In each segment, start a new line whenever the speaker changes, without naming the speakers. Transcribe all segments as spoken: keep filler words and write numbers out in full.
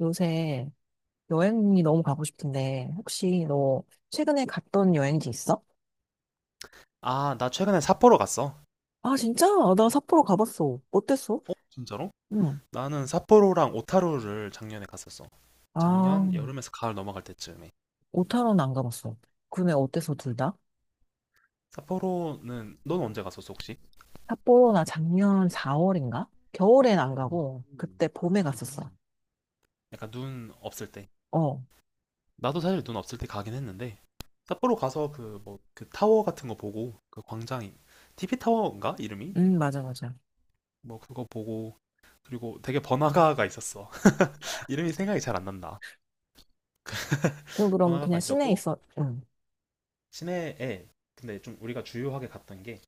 요새 여행이 너무 가고 싶은데, 혹시 너 최근에 갔던 여행지 있어?
아, 나 최근에 삿포로 갔어.
아, 진짜? 아, 나 삿포로 가봤어. 어땠어?
어, 진짜로?
응.
나는 삿포로랑 오타루를 작년에 갔었어.
아,
작년 여름에서 가을 넘어갈 때쯤에.
오타로는 안 가봤어. 근데 어땠어, 둘 다?
삿포로는 넌 언제 갔었어, 혹시?
삿포로 나 작년 사월인가? 겨울엔 안 가고, 그때
음,
봄에 갔었어.
음. 약간 눈 없을 때.
어,
나도 사실 눈 없을 때 가긴 했는데, 삿포로 가서 그 뭐 그 타워 같은 거 보고, 그 광장이 티비 타워인가 이름이?
응, 맞아, 맞아.
뭐 그거 보고, 그리고 되게 번화가가 있었어. 이름이 생각이 잘 안 난다.
그, 그럼
번화가가
그냥 시내에
있었고,
있어. 응.
시내에. 근데 좀 우리가 주요하게 갔던 게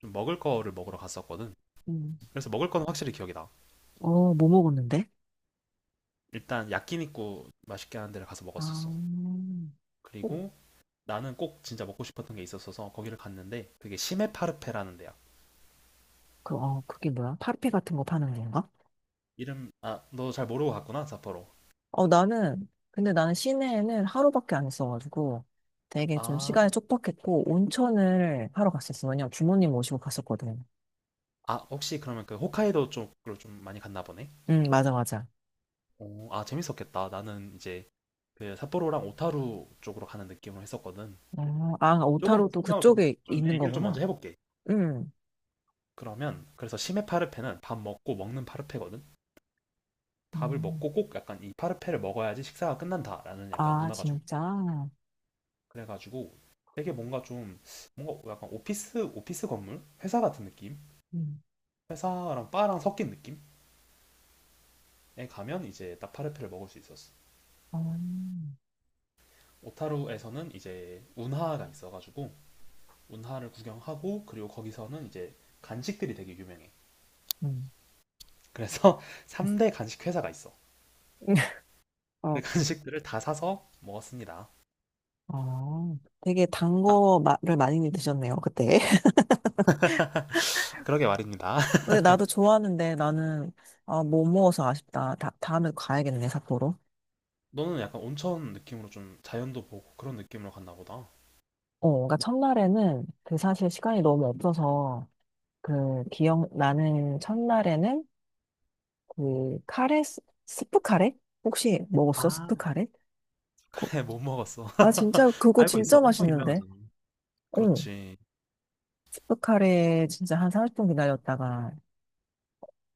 좀 먹을 거를 먹으러 갔었거든.
응.
그래서 먹을 거는 확실히 기억이 나.
어, 뭐 먹었는데?
일단 야끼니쿠 맛있게 하는 데를 가서
아,
먹었었어.
어,
그리고 나는 꼭 진짜 먹고 싶었던 게 있었어서 거기를 갔는데, 그게 시메파르페라는 데야.
그, 어, 그게 뭐야? 파르페 같은 거 파는 건가?
이름, 아 너 잘 모르고 갔구나, 삿포로.
어, 나는, 근데 나는 시내에는 하루밖에 안 있어가지고 되게 좀
아,
시간이 촉박했고 온천을 하러 갔었어. 왜냐면 부모님 모시고 갔었거든.
아 혹시 그러면 그 홋카이도 쪽으로 좀 많이 갔나 보네.
응, 맞아, 맞아.
오, 아 재밌었겠다. 나는 이제 그 삿포로랑 오타루 쪽으로 가는 느낌으로 했었거든.
어, 아,
조금 더
오타로도
설명을 좀,
그쪽에
좀내
있는
얘기를 좀 먼저
거구나.
해볼게.
응.
그러면, 그래서 시메 파르페는 밥 먹고 먹는 파르페거든. 밥을
음.
먹고 꼭 약간 이 파르페를 먹어야지 식사가 끝난다라는 약간
아,
문화가 좀.
진짜?
그래가지고 되게 뭔가 좀, 뭔가 약간 오피스 오피스 건물, 회사 같은 느낌.
음.
회사랑 바랑 섞인 느낌에 가면 이제 딱 파르페를 먹을 수 있었어.
어,
오타루에서는 이제 운하가 있어가지고 운하를 구경하고, 그리고 거기서는 이제 간식들이 되게 유명해.
음.
그래서 삼 대 간식 회사가 있어.
어,
그 간식들을 다 사서 먹었습니다.
어. 되게 단 거를 많이 드셨네요, 그때.
그러게 말입니다.
근데 나도 좋아하는데 나는, 아, 못 먹어서 아쉽다. 다, 다음에 가야겠네, 삿포로.
너는 약간 온천 느낌으로 좀 자연도 보고 그런 느낌으로 갔나 보다.
어, 그러니까 첫날에는 그 사실 시간이 너무 없어서 그 기억나는 첫날에는 그 카레, 스- 스프 카레? 혹시 먹었어?
아,
스프 카레? 그-
그래, 못 먹었어.
아, 진짜 그거
알고 있어.
진짜
엄청
맛있는데?
유명하잖아.
응,
그렇지.
스프 카레 진짜 한 삼십 분 기다렸다가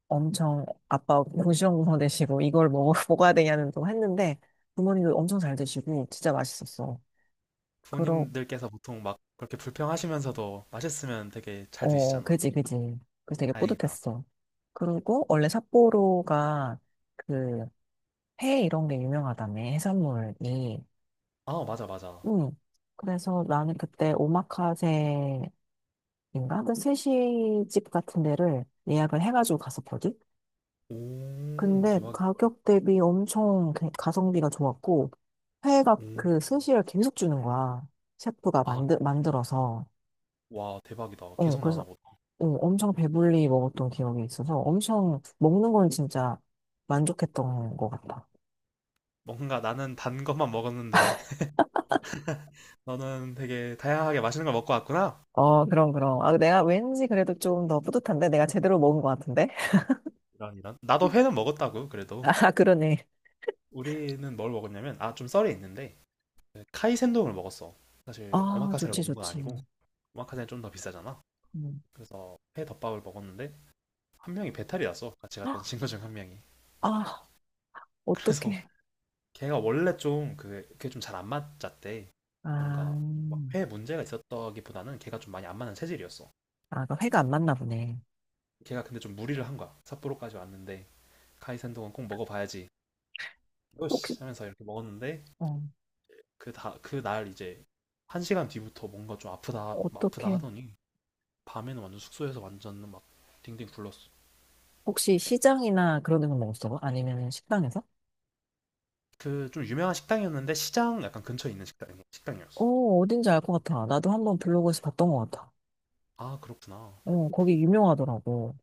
엄청 아빠 고시원구성 되시고 이걸 먹어, 먹어야 되냐는 또 했는데 부모님도 엄청 잘 드시고 진짜 맛있었어. 그러,
부모님들께서 보통 막 그렇게 불평하시면서도 맛있으면 되게 잘
어,
드시잖아.
그지, 그지. 그래서 되게
다행이다.
뿌듯했어. 그리고 원래 삿포로가 그 회 이런 게 유명하다며, 해산물이.
아, 맞아, 맞아.
응. 그래서 나는 그때 오마카세인가? 그 스시집 같은 데를 예약을 해가지고 갔었거든?
오,
근데
대박이다.
가격 대비 엄청 그- 가성비가 좋았고, 회가
오.
그 스시를 계속 주는 거야. 셰프가
아,
만들, 만들어서.
와, 대박이다.
어,
계속
그래서
나오나 보다.
어, 엄청 배불리 먹었던 기억이 있어서 엄청 먹는 건 진짜 만족했던 것 같아.
뭔가 나는 단 것만 먹었는데, 너는 되게 다양하게 맛있는 걸 먹고 왔구나.
어, 그럼, 그럼. 아, 내가 왠지 그래도 좀 더 뿌듯한데? 내가 제대로 먹은 것 같은데?
이런, 이런. 나도 회는 먹었다고, 그래도.
아, 그러네.
우리는 뭘 먹었냐면, 아, 좀 썰이 있는데, 그 카이센동을 먹었어. 사실,
아,
오마카세를
좋지,
먹은 건
좋지.
아니고, 오마카세는 좀 더 비싸잖아.
음.
그래서 회 덮밥을 먹었는데, 한 명이 배탈이 났어. 같이
헉,
갔던 친구 중 한 명이.
아,
그래서
어떡해.
걔가 원래 좀 그, 그게 좀 잘 안 맞았대.
아,
뭔가 막회 문제가 있었다기보다는 걔가 좀 많이 안 맞는 체질이었어.
아, 그 회가 안 맞나 보네.
걔가 근데 좀 무리를 한 거야. 삿포로까지 왔는데 카이센동은 꼭 먹어봐야지.
혹시,
요시 하면서 이렇게 먹었는데,
어,
그 다 그 날 이제 한 시간 뒤부터 뭔가 좀 아프다 아프다
어떡해.
하더니 밤에는 완전 숙소에서 완전 막 딩딩 굴렀어.
혹시 시장이나 그런 데서 먹었어? 아니면 식당에서?
그 좀 유명한 식당이었는데, 시장 약간 근처에 있는 식당 식당이었어.
어, 어딘지 알 것 같아. 나도 한번 블로그에서 봤던 것 같아.
아, 그렇구나.
어, 거기 유명하더라고.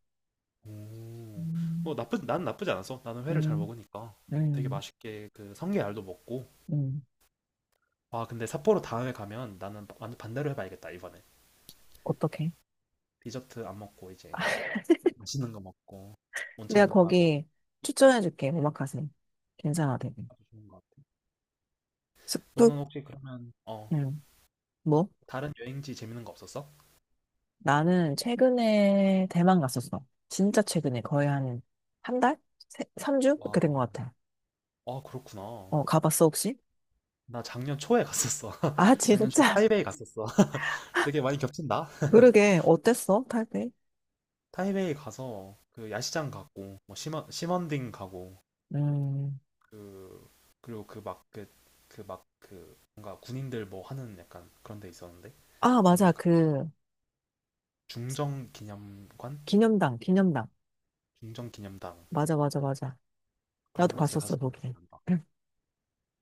오.
음,
뭐 나쁘 난 나쁘지 않았어. 나는 회를 잘
음,
먹으니까 되게
음,
맛있게 그 성게알도 먹고.
음.
와, 근데 삿포로 다음에 가면 나는 바- 완전 반대로 해봐야겠다, 이번에.
어떡해.
디저트 안 먹고, 이제 맛있는 거 먹고,
내가
온천도 가고.
거기 추천해줄게, 오마카세. 괜찮아, 되게.
아주 좋은 것 같아.
스프?
너는 혹시 그러면 어
응, 뭐?
다른 여행지 재밌는 거 없었어?
나는 최근에 대만 갔었어. 진짜 최근에 거의 한 한 달? 세, 삼 주? 그렇게 된 것
와,
같아.
아 그렇구나.
어, 가봤어, 혹시?
나 작년 초에 갔었어.
아,
작년 초에
진짜?
타이베이 갔었어. 되게 많이 겹친다.
그러게. 어땠어, 타이이
타이베이 가서 그 야시장 가고, 뭐 심원 심원딩 가고,
음.
그, 그리고 그막그 그 막 그 뭔가 군인들 뭐 하는 약간 그런 데 있었는데,
아, 맞아.
그런데
그
중정 기념관,
기념당, 기념당.
중정 기념당.
맞아, 맞아, 맞아.
그런
나도
곳을 갔
봤었어,
었본 기억이
거기.
난다.
응.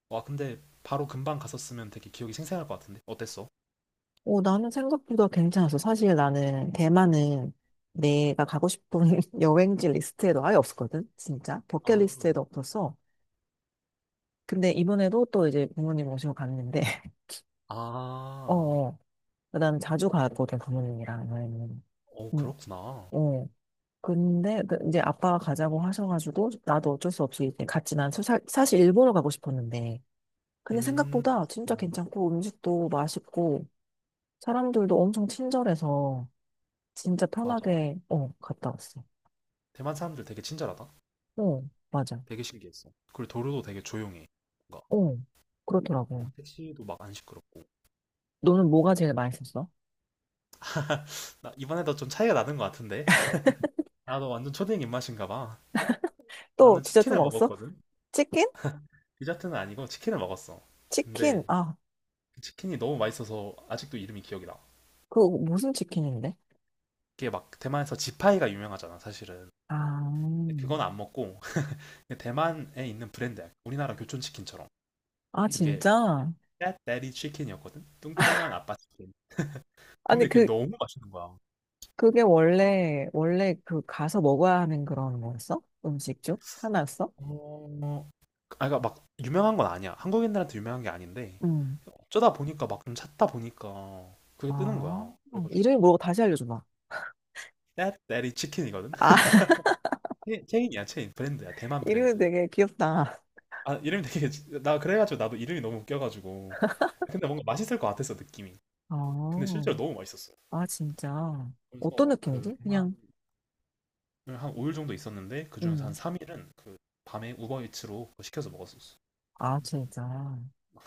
와, 근데 바로 금방 갔었으면 되게 기억이 생생할 것 같은데 어땠어?
어, 나는 생각보다 괜찮았어. 사실 나는 대만은 내가 가고 싶은 여행지 리스트에도 아예 없었거든. 진짜.
아,
버킷리스트에도 없었어. 근데 이번에도 또 이제 부모님 모시고 갔는데,
아,
어, 그다음에 자주 가거든 부모님이랑 여행은.
어
음,
그렇구나.
어. 근데 그- 이제 아빠가 가자고 하셔가지고 나도 어쩔 수 없이 이제 갔지. 난 사, 사실 일본을 가고 싶었는데. 근데
음,
생각보다 진짜
어,
괜찮고 음식도 맛있고 사람들도 엄청 친절해서 진짜
맞아.
편하게 어 갔다 왔어.
대만 사람들 되게 친절하다.
어 맞아.
되게 신기했어. 그리고 도로도 되게 조용해. 뭔가
어 그렇더라고.
막 택시도 막 안 시끄럽고.
너는 뭐가 제일 맛있었어?
나 이번에도 좀 차이가 나는 것 같은데. 나도 완전 초딩 입맛인가 봐.
또
나는
디저트
치킨을
먹었어?
먹었거든.
치킨?
디저트는 아니고 치킨을 먹었어.
치킨?
근데
아,
그 치킨이 너무 맛있어서 아직도 이름이 기억이 나.
그 무슨 치킨인데?
이게 막 대만에서 지파이가 유명하잖아, 사실은.
아,
근데 그건 안 먹고. 근데 대만에 있는 브랜드야. 우리나라 교촌 치킨처럼.
아
그게
진짜?
떼떼리 치킨이었거든. 뚱뚱한 아빠 치킨.
아니
근데 그게
그
너무 맛있는 거야.
그게 원래, 원래 그 가서 먹어야 하는 그런 거였어? 음식 중? 하나였어?
어, 아, 그러니까 막 유명한 건 아니야. 한국인들한테 유명한 게 아닌데
응.
어쩌다 보니까 막 좀 찾다 보니까 그게 뜨는
아,
거야. 그래가지고
이름이 뭐라고 다시 알려줘봐.
떼떼리 치킨이거든.
아,
체- 체인이야, 체인 브랜드야, 대만
이름이
브랜드.
되게 귀엽다.
아 이름이 되게. 나 그래가지고 나도 이름이 너무 웃겨가지고. 근데 뭔가 맛있을 것 같았어, 느낌이.
아,
근데 실제로 너무 맛있었어.
아, 진짜. 어떤
그래서 그
느낌이지?
대만을
그냥,
한 오 일 정도 있었는데, 그중에서 한
음.
삼 일은 그 밤에 우버이츠로 시켜서 먹었었어.
아, 진짜.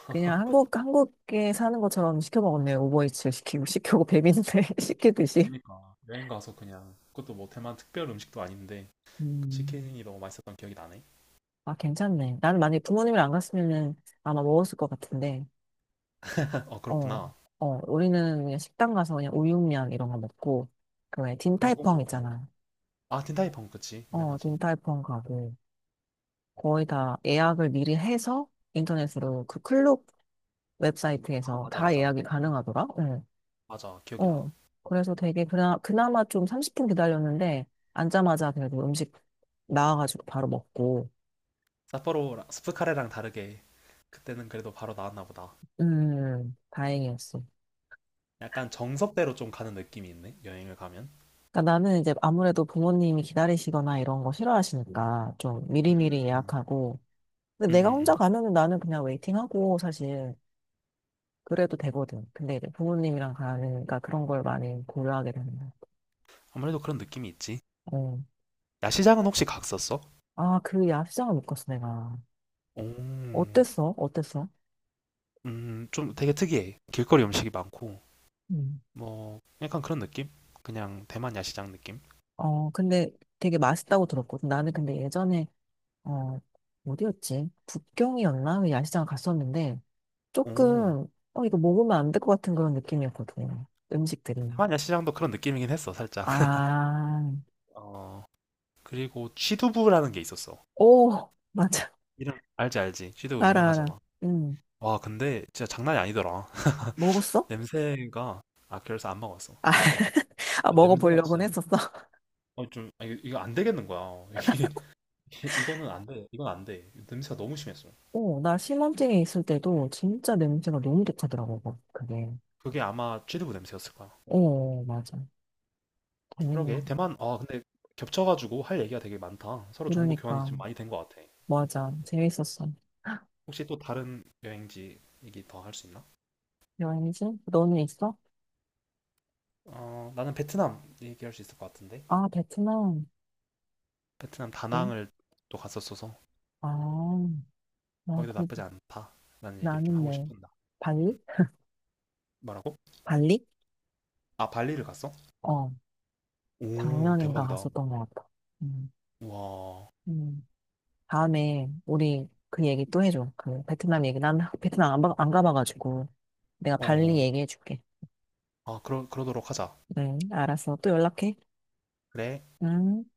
그냥 한국, 한국에 사는 것처럼 시켜 먹었네. 오버이츠 시키고, 시키고, 배민데 시키듯이.
그니까 여행 가서 그냥, 그것도 뭐 대만 특별 음식도 아닌데, 그
음.
치킨이 너무 맛있었던 기억이 나네.
아, 괜찮네. 나는 만약에 부모님이랑 안 갔으면은 아마 먹었을 것 같은데.
어
어,
그렇구나.
어, 우리는 그냥 식당 가서 그냥 우육면 이런 거 먹고, 그 왜,
그건 꼭
딘타이펑
먹어봐야지.
있잖아.
아, 딘타이펑 그치,
어,
유명하지.
딘타이펑 가고, 거의 다 예약을 미리 해서 인터넷으로 그 클럽
아
웹사이트에서
맞아
다
맞아.
예약이
음,
가능하더라? 응.
맞아 기억이 나.
어, 그래서 되게 그나, 그나마 좀 삼십 분 기다렸는데, 앉자마자 그래도 음식 나와가지고 바로 먹고,
사포로 스프카레랑 다르게 그때는 그래도 바로 나왔나 보다.
음, 다행이었어.
약간 정석대로 좀 가는 느낌이 있네. 여행을 가면.
그러니까 나는 이제 아무래도 부모님이 기다리시거나 이런 거 싫어하시니까 좀 미리미리
음.
예약하고,
음,
근데 내가
음, 음.
혼자 가면은 나는 그냥 웨이팅하고 사실 그래도 되거든. 근데 이제 부모님이랑 가니까 그런 걸 많이 고려하게 되는 거야.
아무래도 그런 느낌이 있지.
어.
야시장은 혹시 갔었어?
아, 그 야시장을 못 갔어, 내가.
오,
어땠어? 어땠어?
음, 좀 되게 특이해. 길거리 음식이 많고,
음.
뭐, 약간 그런 느낌? 그냥 대만 야시장 느낌?
어, 근데 되게 맛있다고 들었거든. 나는 근데 예전에, 어, 어디였지? 북경이었나? 그 야시장을 갔었는데,
오,
조금, 어, 이거 먹으면 안 될 것 같은 그런 느낌이었거든. 음식들이.
대만 야시장도 그런 느낌이긴 했어, 살짝.
아,
어, 그리고 취두부라는 게 있었어.
오, 맞아.
이름 알지, 알지. 취두부
알아, 알아.
유명하잖아.
음,
와, 근데 진짜 장난이 아니더라.
먹었어?
냄새가, 아 그래서 안 먹었어.
아,
아, 냄새가
먹어보려고는
진짜,
했었어.
어, 좀 아, 이거, 이거 안 되겠는 거야. 이게 이거는 안 돼. 이건 안 돼. 냄새가 너무 심했어.
어, 나 신혼증에 있을 때도 진짜 냄새가 너무 독하더라고, 거- 그게.
그게 아마 취두부 냄새였을 거야.
어, 맞아. 재밌네.
그러게, 대만. 아 근데 겹쳐가지고 할 얘기가 되게 많다. 서로 정보 교환이
그러니까.
좀 많이 된 것 같아.
맞아. 재밌었어.
혹시 또 다른 여행지 얘기 더 할 수 있나?
여행지? 너는 있어?
어 나는 베트남 얘기할 수 있을 것 같은데.
아, 베트남.
베트남
네?
다낭을 또 갔었어서
아, 나
거기도
그,
나쁘지 않다라는 얘기를 좀
나는
하고
네.
싶은다.
발리?
뭐라고?
발리?
아 발리를 갔어?
어,
오
작년인가
대박이다.
갔었던 것 같아. 음,
우와.
음. 다음에 우리 그 얘기 또 해줘. 그 베트남 얘기. 난 베트남 안, 봐- 안 가봐가지고 내가 발리
어.
얘기해줄게.
아, 그러 그러도록 하자.
네, 알았어. 또 연락해.
그래.
응.